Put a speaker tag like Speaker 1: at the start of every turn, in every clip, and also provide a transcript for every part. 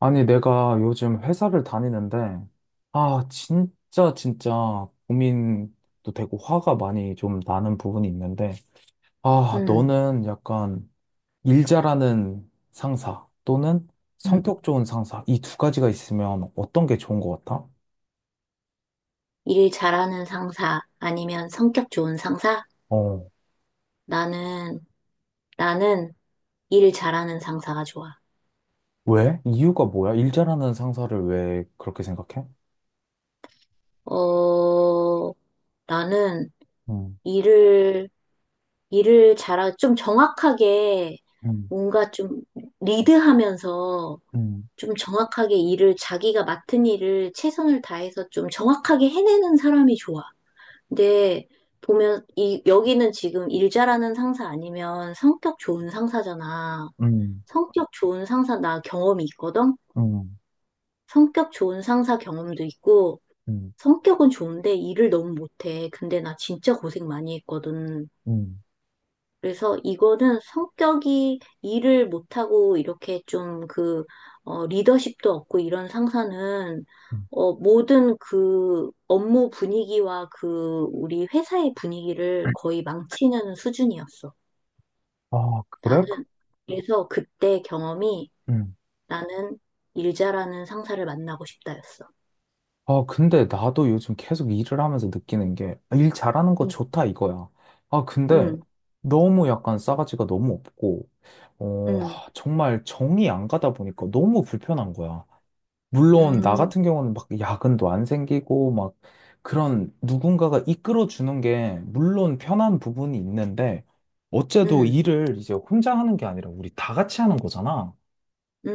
Speaker 1: 아니, 내가 요즘 회사를 다니는데, 아, 진짜, 진짜 고민도 되고 화가 많이 좀 나는 부분이 있는데, 아,
Speaker 2: 음.
Speaker 1: 너는 약간 일 잘하는 상사 또는
Speaker 2: 음.
Speaker 1: 성격 좋은 상사, 이 두 가지가 있으면 어떤 게 좋은 것 같아?
Speaker 2: 일 잘하는 상사 아니면 성격 좋은 상사?
Speaker 1: 어,
Speaker 2: 나는, 나는 일 잘하는 상사가 좋아.
Speaker 1: 왜? 이유가 뭐야? 일 잘하는 상사를 왜 그렇게 생각해?
Speaker 2: 어, 나는
Speaker 1: 음,
Speaker 2: 일을, 일을 좀 정확하게
Speaker 1: 음,
Speaker 2: 뭔가 좀 리드하면서
Speaker 1: 음,
Speaker 2: 좀 정확하게 일을 자기가 맡은 일을 최선을 다해서 좀 정확하게 해내는 사람이 좋아. 근데 보면 이, 여기는 지금 일 잘하는 상사 아니면 성격 좋은 상사잖아.
Speaker 1: 음,
Speaker 2: 성격 좋은 상사, 나 경험이 있거든?
Speaker 1: 음,
Speaker 2: 성격 좋은 상사 경험도 있고,
Speaker 1: 음,
Speaker 2: 성격은 좋은데 일을 너무 못해. 근데 나 진짜 고생 많이 했거든.
Speaker 1: 음.
Speaker 2: 그래서 이거는 성격이 일을 못하고 이렇게 좀 그, 리더십도 없고 이런 상사는,
Speaker 1: 음.
Speaker 2: 모든 그 업무 분위기와 그 우리 회사의 분위기를 거의 망치는 수준이었어.
Speaker 1: 아, 그래?
Speaker 2: 나는 그래서 그때 경험이 나는 일 잘하는 상사를 만나고 싶다였어.
Speaker 1: 아, 근데 나도 요즘 계속 일을 하면서 느끼는 게, 아, 일 잘하는 거
Speaker 2: 음.
Speaker 1: 좋다 이거야. 아, 근데
Speaker 2: 음.
Speaker 1: 너무 약간 싸가지가 너무 없고, 어,
Speaker 2: 음.
Speaker 1: 하, 정말 정이 안 가다 보니까 너무 불편한 거야. 물론 나
Speaker 2: 음.
Speaker 1: 같은 경우는 막 야근도 안 생기고, 막 그런 누군가가 이끌어 주는 게 물론 편한 부분이 있는데, 어째도
Speaker 2: 음.
Speaker 1: 일을 이제 혼자 하는 게 아니라 우리 다 같이 하는 거잖아.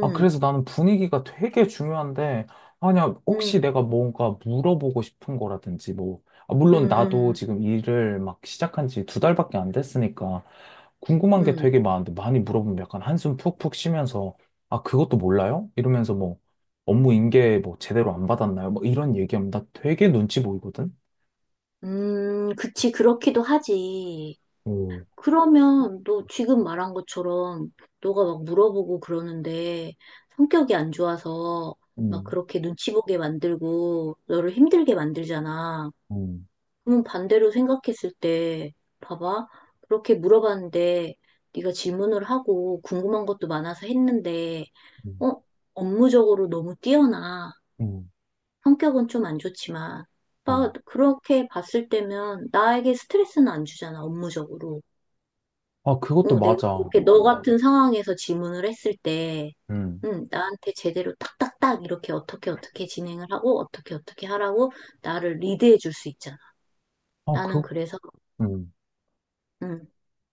Speaker 1: 아, 그래서 나는 분위기가 되게 중요한데, 아니야, 혹시
Speaker 2: 음.
Speaker 1: 내가 뭔가 물어보고 싶은 거라든지, 뭐, 아, 물론 나도
Speaker 2: 음.
Speaker 1: 지금 일을 막 시작한 지 두 달밖에 안 됐으니까, 궁금한 게
Speaker 2: 음.
Speaker 1: 되게 많은데, 많이 물어보면 약간 한숨 푹푹 쉬면서, 아, 그것도 몰라요? 이러면서 뭐, 업무 인계 뭐 제대로 안 받았나요? 뭐 이런 얘기하면 나 되게 눈치 보이거든?
Speaker 2: 음. 그치, 그렇기도 하지.
Speaker 1: 오.
Speaker 2: 그러면 너 지금 말한 것처럼 너가 막 물어보고 그러는데 성격이 안 좋아서 막
Speaker 1: 음.
Speaker 2: 그렇게 눈치 보게 만들고 너를 힘들게 만들잖아.
Speaker 1: 음,
Speaker 2: 그럼 반대로 생각했을 때, 봐봐. 그렇게 물어봤는데, 네가 질문을 하고 궁금한 것도 많아서 했는데,
Speaker 1: 음,
Speaker 2: 어? 업무적으로 너무 뛰어나.
Speaker 1: 음,
Speaker 2: 성격은 좀 안 좋지만. 봐,
Speaker 1: 음.
Speaker 2: 그렇게 봤을 때면 나에게 스트레스는 안 주잖아, 업무적으로.
Speaker 1: 아, 그것도
Speaker 2: 내가
Speaker 1: 맞아.
Speaker 2: 그렇게 너 같은 상황에서 질문을 했을 때,
Speaker 1: 음.
Speaker 2: 나한테 제대로 딱딱딱 이렇게 어떻게 어떻게 진행을 하고 어떻게 어떻게 하라고 나를 리드해 줄 수 있잖아.
Speaker 1: 아,
Speaker 2: 나는
Speaker 1: 그.
Speaker 2: 그래서,
Speaker 1: 음.
Speaker 2: 음.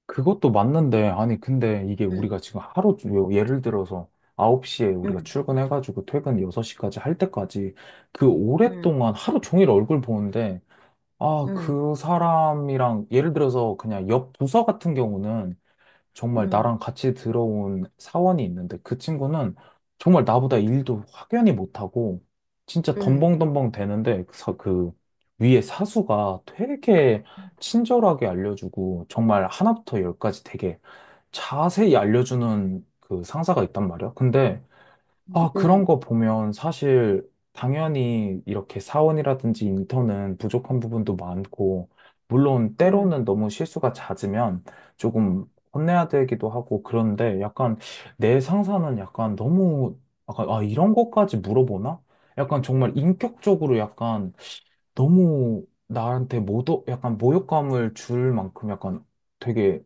Speaker 1: 그것도 맞는데, 아니, 근데 이게
Speaker 2: 음.
Speaker 1: 우리가 지금 하루, 예를 들어서 9시에 우리가
Speaker 2: 음.
Speaker 1: 출근해가지고 퇴근 6시까지 할 때까지 그
Speaker 2: 음.
Speaker 1: 오랫동안 하루 종일 얼굴 보는데, 아,
Speaker 2: 음.
Speaker 1: 그 사람이랑, 예를 들어서 그냥 옆 부서 같은 경우는 정말
Speaker 2: 음.
Speaker 1: 나랑 같이 들어온 사원이 있는데 그 친구는 정말 나보다 일도 확연히 못하고 진짜
Speaker 2: 음.
Speaker 1: 덤벙덤벙 되는데 그 위에 사수가 되게 친절하게 알려주고 정말 하나부터 열까지 되게 자세히 알려주는 그 상사가 있단 말이야. 근데
Speaker 2: 음.
Speaker 1: 아, 그런
Speaker 2: 음.
Speaker 1: 거 보면 사실 당연히 이렇게 사원이라든지 인턴은 부족한 부분도 많고, 물론
Speaker 2: 음.
Speaker 1: 때로는 너무 실수가 잦으면 조금 혼내야 되기도 하고, 그런데 약간 내 상사는 약간 너무, 약간, 아, 이런 것까지 물어보나? 약간 정말 인격적으로 약간 너무 나한테 모독, 약간 모욕감을 줄 만큼 약간 되게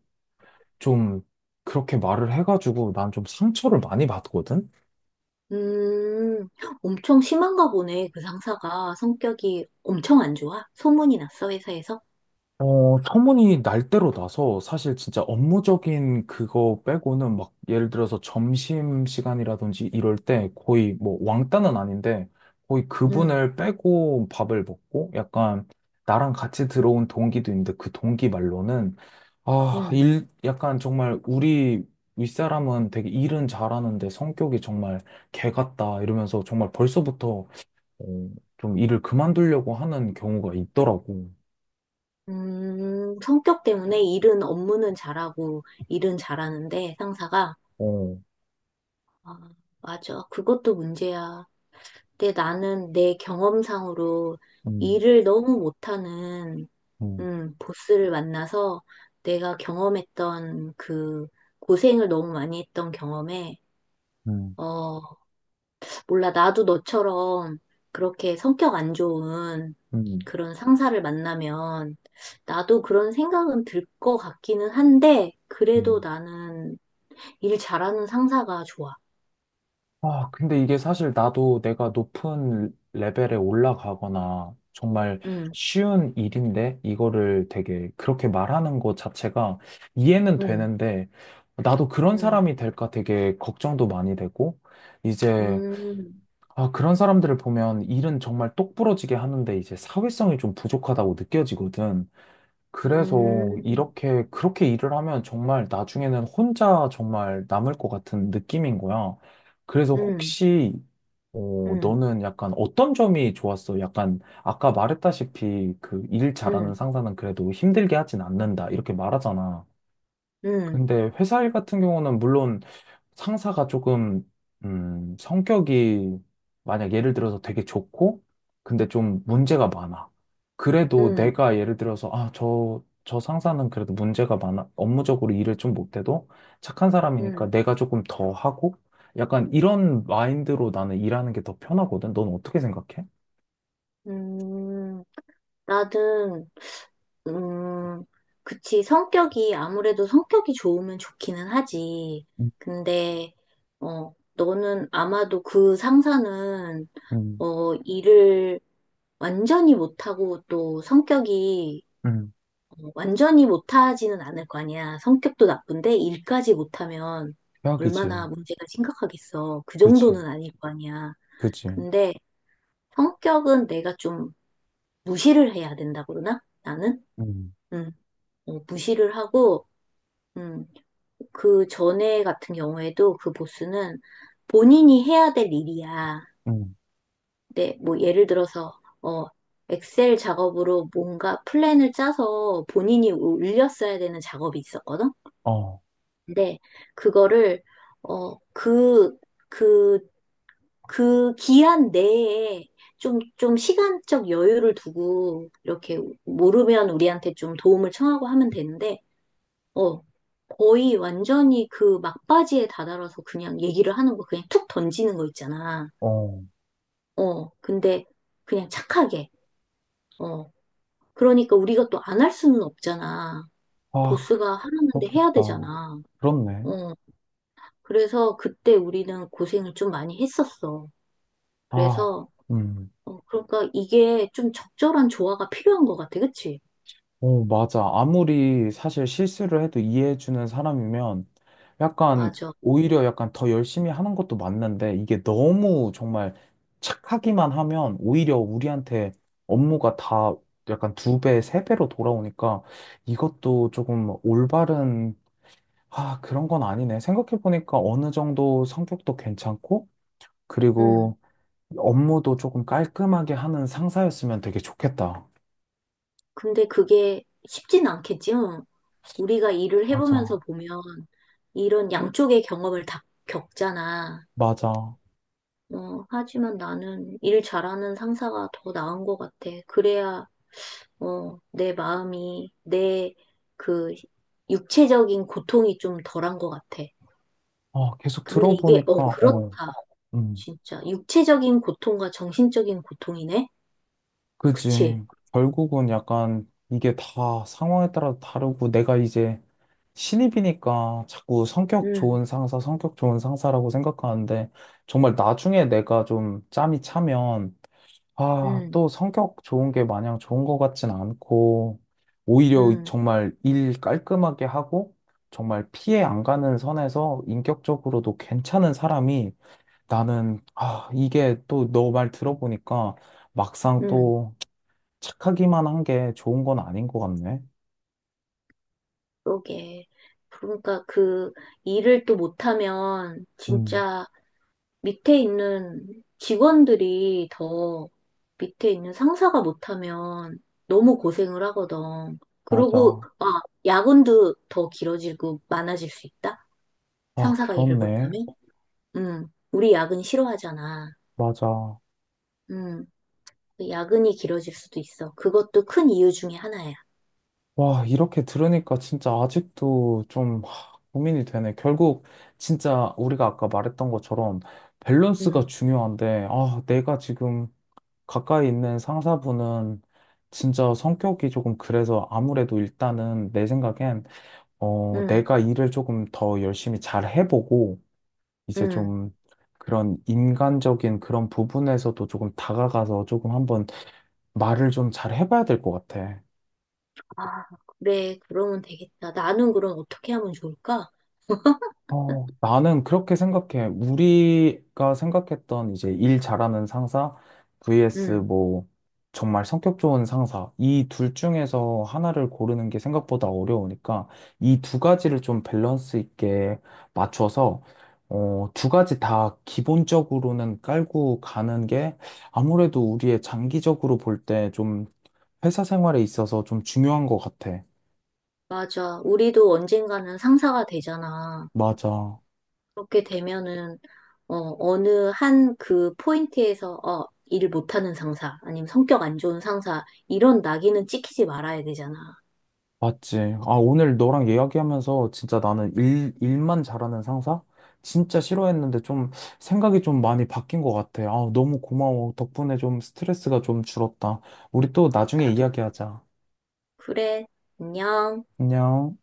Speaker 1: 좀 그렇게 말을 해가지고 난 좀 상처를 많이 받거든?
Speaker 2: 음. 엄청 심한가 보네, 그 상사가. 성격이 엄청 안 좋아? 소문이 났어, 회사에서?
Speaker 1: 어, 소문이 날 대로 나서 사실 진짜 업무적인 그거 빼고는 막 예를 들어서 점심 시간이라든지 이럴 때 거의 뭐 왕따는 아닌데 거의
Speaker 2: 음.
Speaker 1: 그분을 빼고 밥을 먹고 약간 나랑 같이 들어온 동기도 있는데 그 동기 말로는 아,
Speaker 2: 음.
Speaker 1: 일, 약간 정말 우리 윗사람은 되게 일은 잘하는데 성격이 정말 개 같다 이러면서 정말 벌써부터 어, 좀 일을 그만두려고 하는 경우가 있더라고.
Speaker 2: 음. 성격 때문에 일은, 업무는 잘하고, 일은 잘하는데, 상사가.
Speaker 1: 어.
Speaker 2: 아, 맞아. 그것도 문제야. 근데 나는 내 경험상으로
Speaker 1: 음.
Speaker 2: 일을 너무 못하는
Speaker 1: 음,
Speaker 2: 보스를 만나서 내가 경험했던 그 고생을 너무 많이 했던 경험에,
Speaker 1: 음,
Speaker 2: 어, 몰라, 나도 너처럼 그렇게 성격 안 좋은
Speaker 1: 음,
Speaker 2: 그런 상사를 만나면 나도 그런 생각은 들 것 같기는 한데, 그래도
Speaker 1: 음.
Speaker 2: 나는 일 잘하는 상사가 좋아.
Speaker 1: 아, 근데 이게 사실 나도 내가 높은 레벨에 올라가거나 정말
Speaker 2: 음.
Speaker 1: 쉬운 일인데 이거를 되게 그렇게 말하는 것 자체가 이해는
Speaker 2: 음.
Speaker 1: 되는데 나도 그런
Speaker 2: 음.
Speaker 1: 사람이 될까 되게 걱정도 많이 되고 이제
Speaker 2: 음.
Speaker 1: 아, 그런 사람들을 보면 일은 정말 똑부러지게 하는데 이제 사회성이 좀 부족하다고 느껴지거든. 그래서
Speaker 2: 음.
Speaker 1: 이렇게, 그렇게 일을 하면 정말 나중에는 혼자 정말 남을 것 같은 느낌인 거야. 그래서
Speaker 2: 음.
Speaker 1: 혹시, 어,
Speaker 2: 음.
Speaker 1: 너는 약간 어떤 점이 좋았어? 약간, 아까 말했다시피 그 일 잘하는
Speaker 2: 음.
Speaker 1: 상사는 그래도 힘들게 하진 않는다. 이렇게 말하잖아.
Speaker 2: 음.
Speaker 1: 근데 회사 일 같은 경우는 물론 상사가 조금, 성격이 만약 예를 들어서 되게 좋고, 근데 좀 문제가 많아. 그래도
Speaker 2: 음.
Speaker 1: 내가 예를 들어서, 아, 저, 저 상사는 그래도 문제가 많아. 업무적으로 일을 좀 못해도 착한 사람이니까
Speaker 2: 음.
Speaker 1: 내가 조금 더 하고, 약간 이런 마인드로 나는 일하는 게 더 편하거든. 넌 어떻게 생각해?
Speaker 2: 음. 나는, 음, 그치. 성격이, 아무래도 성격이 좋으면 좋기는 하지.
Speaker 1: 음,
Speaker 2: 근데, 너는 아마도 그 상사는,
Speaker 1: 음,
Speaker 2: 일을 완전히 못하고 또 성격이
Speaker 1: 음.
Speaker 2: 완전히 못하지는 않을 거 아니야. 성격도 나쁜데 일까지 못하면
Speaker 1: 최악이지.
Speaker 2: 얼마나 문제가 심각하겠어. 그
Speaker 1: 그치,
Speaker 2: 정도는 아닐 거 아니야.
Speaker 1: 그치.
Speaker 2: 근데 성격은 내가 좀 무시를 해야 된다고 그러나? 나는?
Speaker 1: 음,
Speaker 2: 음, 무시를 하고, 음, 그 전에 같은 경우에도 그 보스는 본인이 해야 될 일이야.
Speaker 1: 음,
Speaker 2: 네, 뭐 예를 들어서 어 엑셀 작업으로 뭔가 플랜을 짜서 본인이 올렸어야 되는 작업이 있었거든.
Speaker 1: 어,
Speaker 2: 근데 그거를 어그그그 기한 내에 좀 시간적 여유를 두고 이렇게 모르면 우리한테 좀 도움을 청하고 하면 되는데 어, 거의 완전히 그 막바지에 다다라서 그냥 얘기를 하는 거 그냥 툭 던지는 거 있잖아.
Speaker 1: 어.
Speaker 2: 근데 그냥 착하게. 어, 그러니까 우리가 또 안 할 수는 없잖아.
Speaker 1: 아,
Speaker 2: 보스가 하라는데 해야
Speaker 1: 그렇겠다.
Speaker 2: 되잖아.
Speaker 1: 그렇네.
Speaker 2: 어, 그래서 그때 우리는 고생을 좀 많이 했었어.
Speaker 1: 아.
Speaker 2: 그래서,
Speaker 1: 음.
Speaker 2: 그러니까 이게 좀 적절한 조화가 필요한 것 같아. 그치?
Speaker 1: 오, 맞아. 아무리 사실 실수를 해도 이해해주는 사람이면 약간
Speaker 2: 맞아.
Speaker 1: 오히려 약간 더 열심히 하는 것도 맞는데 이게 너무 정말 착하기만 하면 오히려 우리한테 업무가 다 약간 두 배, 세 배로 돌아오니까 이것도 조금 올바른, 아, 그런 건 아니네. 생각해보니까 어느 정도 성격도 괜찮고
Speaker 2: 음.
Speaker 1: 그리고 업무도 조금 깔끔하게 하는 상사였으면 되게 좋겠다.
Speaker 2: 근데 그게 쉽진 않겠지? 응. 우리가 일을
Speaker 1: 맞아,
Speaker 2: 해보면서 보면 이런 양쪽의 경험을 다 겪잖아.
Speaker 1: 맞아.
Speaker 2: 하지만 나는 일 잘하는 상사가 더 나은 것 같아. 그래야, 내 마음이, 내 그 육체적인 고통이 좀 덜한 것 같아.
Speaker 1: 아, 계속
Speaker 2: 근데 이게,
Speaker 1: 들어보니까,
Speaker 2: 그렇다.
Speaker 1: 어, 음,
Speaker 2: 진짜. 육체적인 고통과 정신적인 고통이네? 그치?
Speaker 1: 그지. 결국은 약간 이게 다 상황에 따라 다르고 내가 이제 신입이니까 자꾸 성격
Speaker 2: 음.
Speaker 1: 좋은 상사, 성격 좋은 상사라고 생각하는데 정말 나중에 내가 좀 짬이 차면 아,
Speaker 2: 음.
Speaker 1: 또 성격 좋은 게 마냥 좋은 것 같진 않고, 오히려
Speaker 2: 음.
Speaker 1: 정말 일 깔끔하게 하고, 정말 피해 안 가는 선에서 인격적으로도 괜찮은 사람이 나는, 아, 이게 또 너 말 들어보니까 막상
Speaker 2: 음.
Speaker 1: 또 착하기만 한 게 좋은 건 아닌 것 같네.
Speaker 2: 그러게. 그러니까 그 일을 또 못하면
Speaker 1: 음,
Speaker 2: 진짜 밑에 있는 직원들이 더 밑에 있는 상사가 못하면 너무 고생을 하거든. 그리고,
Speaker 1: 맞아.
Speaker 2: 아, 야근도 더 길어지고 많아질 수 있다?
Speaker 1: 아,
Speaker 2: 상사가 일을
Speaker 1: 그렇네.
Speaker 2: 못하면? 응. 우리 야근 싫어하잖아.
Speaker 1: 맞아.
Speaker 2: 응. 야근이 길어질 수도 있어. 그것도 큰 이유 중에 하나야.
Speaker 1: 와, 이렇게 들으니까 진짜 아직도 좀 하, 고민이 되네. 결국 진짜 우리가 아까 말했던 것처럼 밸런스가
Speaker 2: 응.
Speaker 1: 중요한데, 아, 내가 지금 가까이 있는 상사분은 진짜 성격이 조금 그래서 아무래도 일단은 내 생각엔, 어,
Speaker 2: 응.
Speaker 1: 내가 일을 조금 더 열심히 잘 해보고, 이제
Speaker 2: 응.
Speaker 1: 좀 그런 인간적인 그런 부분에서도 조금 다가가서 조금 한번 말을 좀 잘 해봐야 될 것 같아.
Speaker 2: 아, 그래. 그러면 되겠다. 나는 그럼 어떻게 하면 좋을까?
Speaker 1: 어, 나는 그렇게 생각해. 우리가 생각했던 이제 일 잘하는 상사 vs
Speaker 2: 응,
Speaker 1: 뭐 정말 성격 좋은 상사 이 둘 중에서 하나를 고르는 게 생각보다 어려우니까 이 두 가지를 좀 밸런스 있게 맞춰서 어, 두 가지 다 기본적으로는 깔고 가는 게 아무래도 우리의 장기적으로 볼 때 좀 회사 생활에 있어서 좀 중요한 것 같아.
Speaker 2: 맞아. 우리도 언젠가는 상사가 되잖아.
Speaker 1: 맞아.
Speaker 2: 그렇게 되면은 어느 한 그 포인트에서 일 못하는 상사 아니면 성격 안 좋은 상사 이런 낙인은 찍히지 말아야 되잖아.
Speaker 1: 맞지. 아, 오늘 너랑 이야기하면서 진짜 나는 일, 일만 잘하는 상사? 진짜 싫어했는데 좀 생각이 좀 많이 바뀐 것 같아. 아, 너무 고마워. 덕분에 좀 스트레스가 좀 줄었다. 우리 또 나중에
Speaker 2: 나도
Speaker 1: 이야기하자.
Speaker 2: 그래. 안녕.
Speaker 1: 안녕.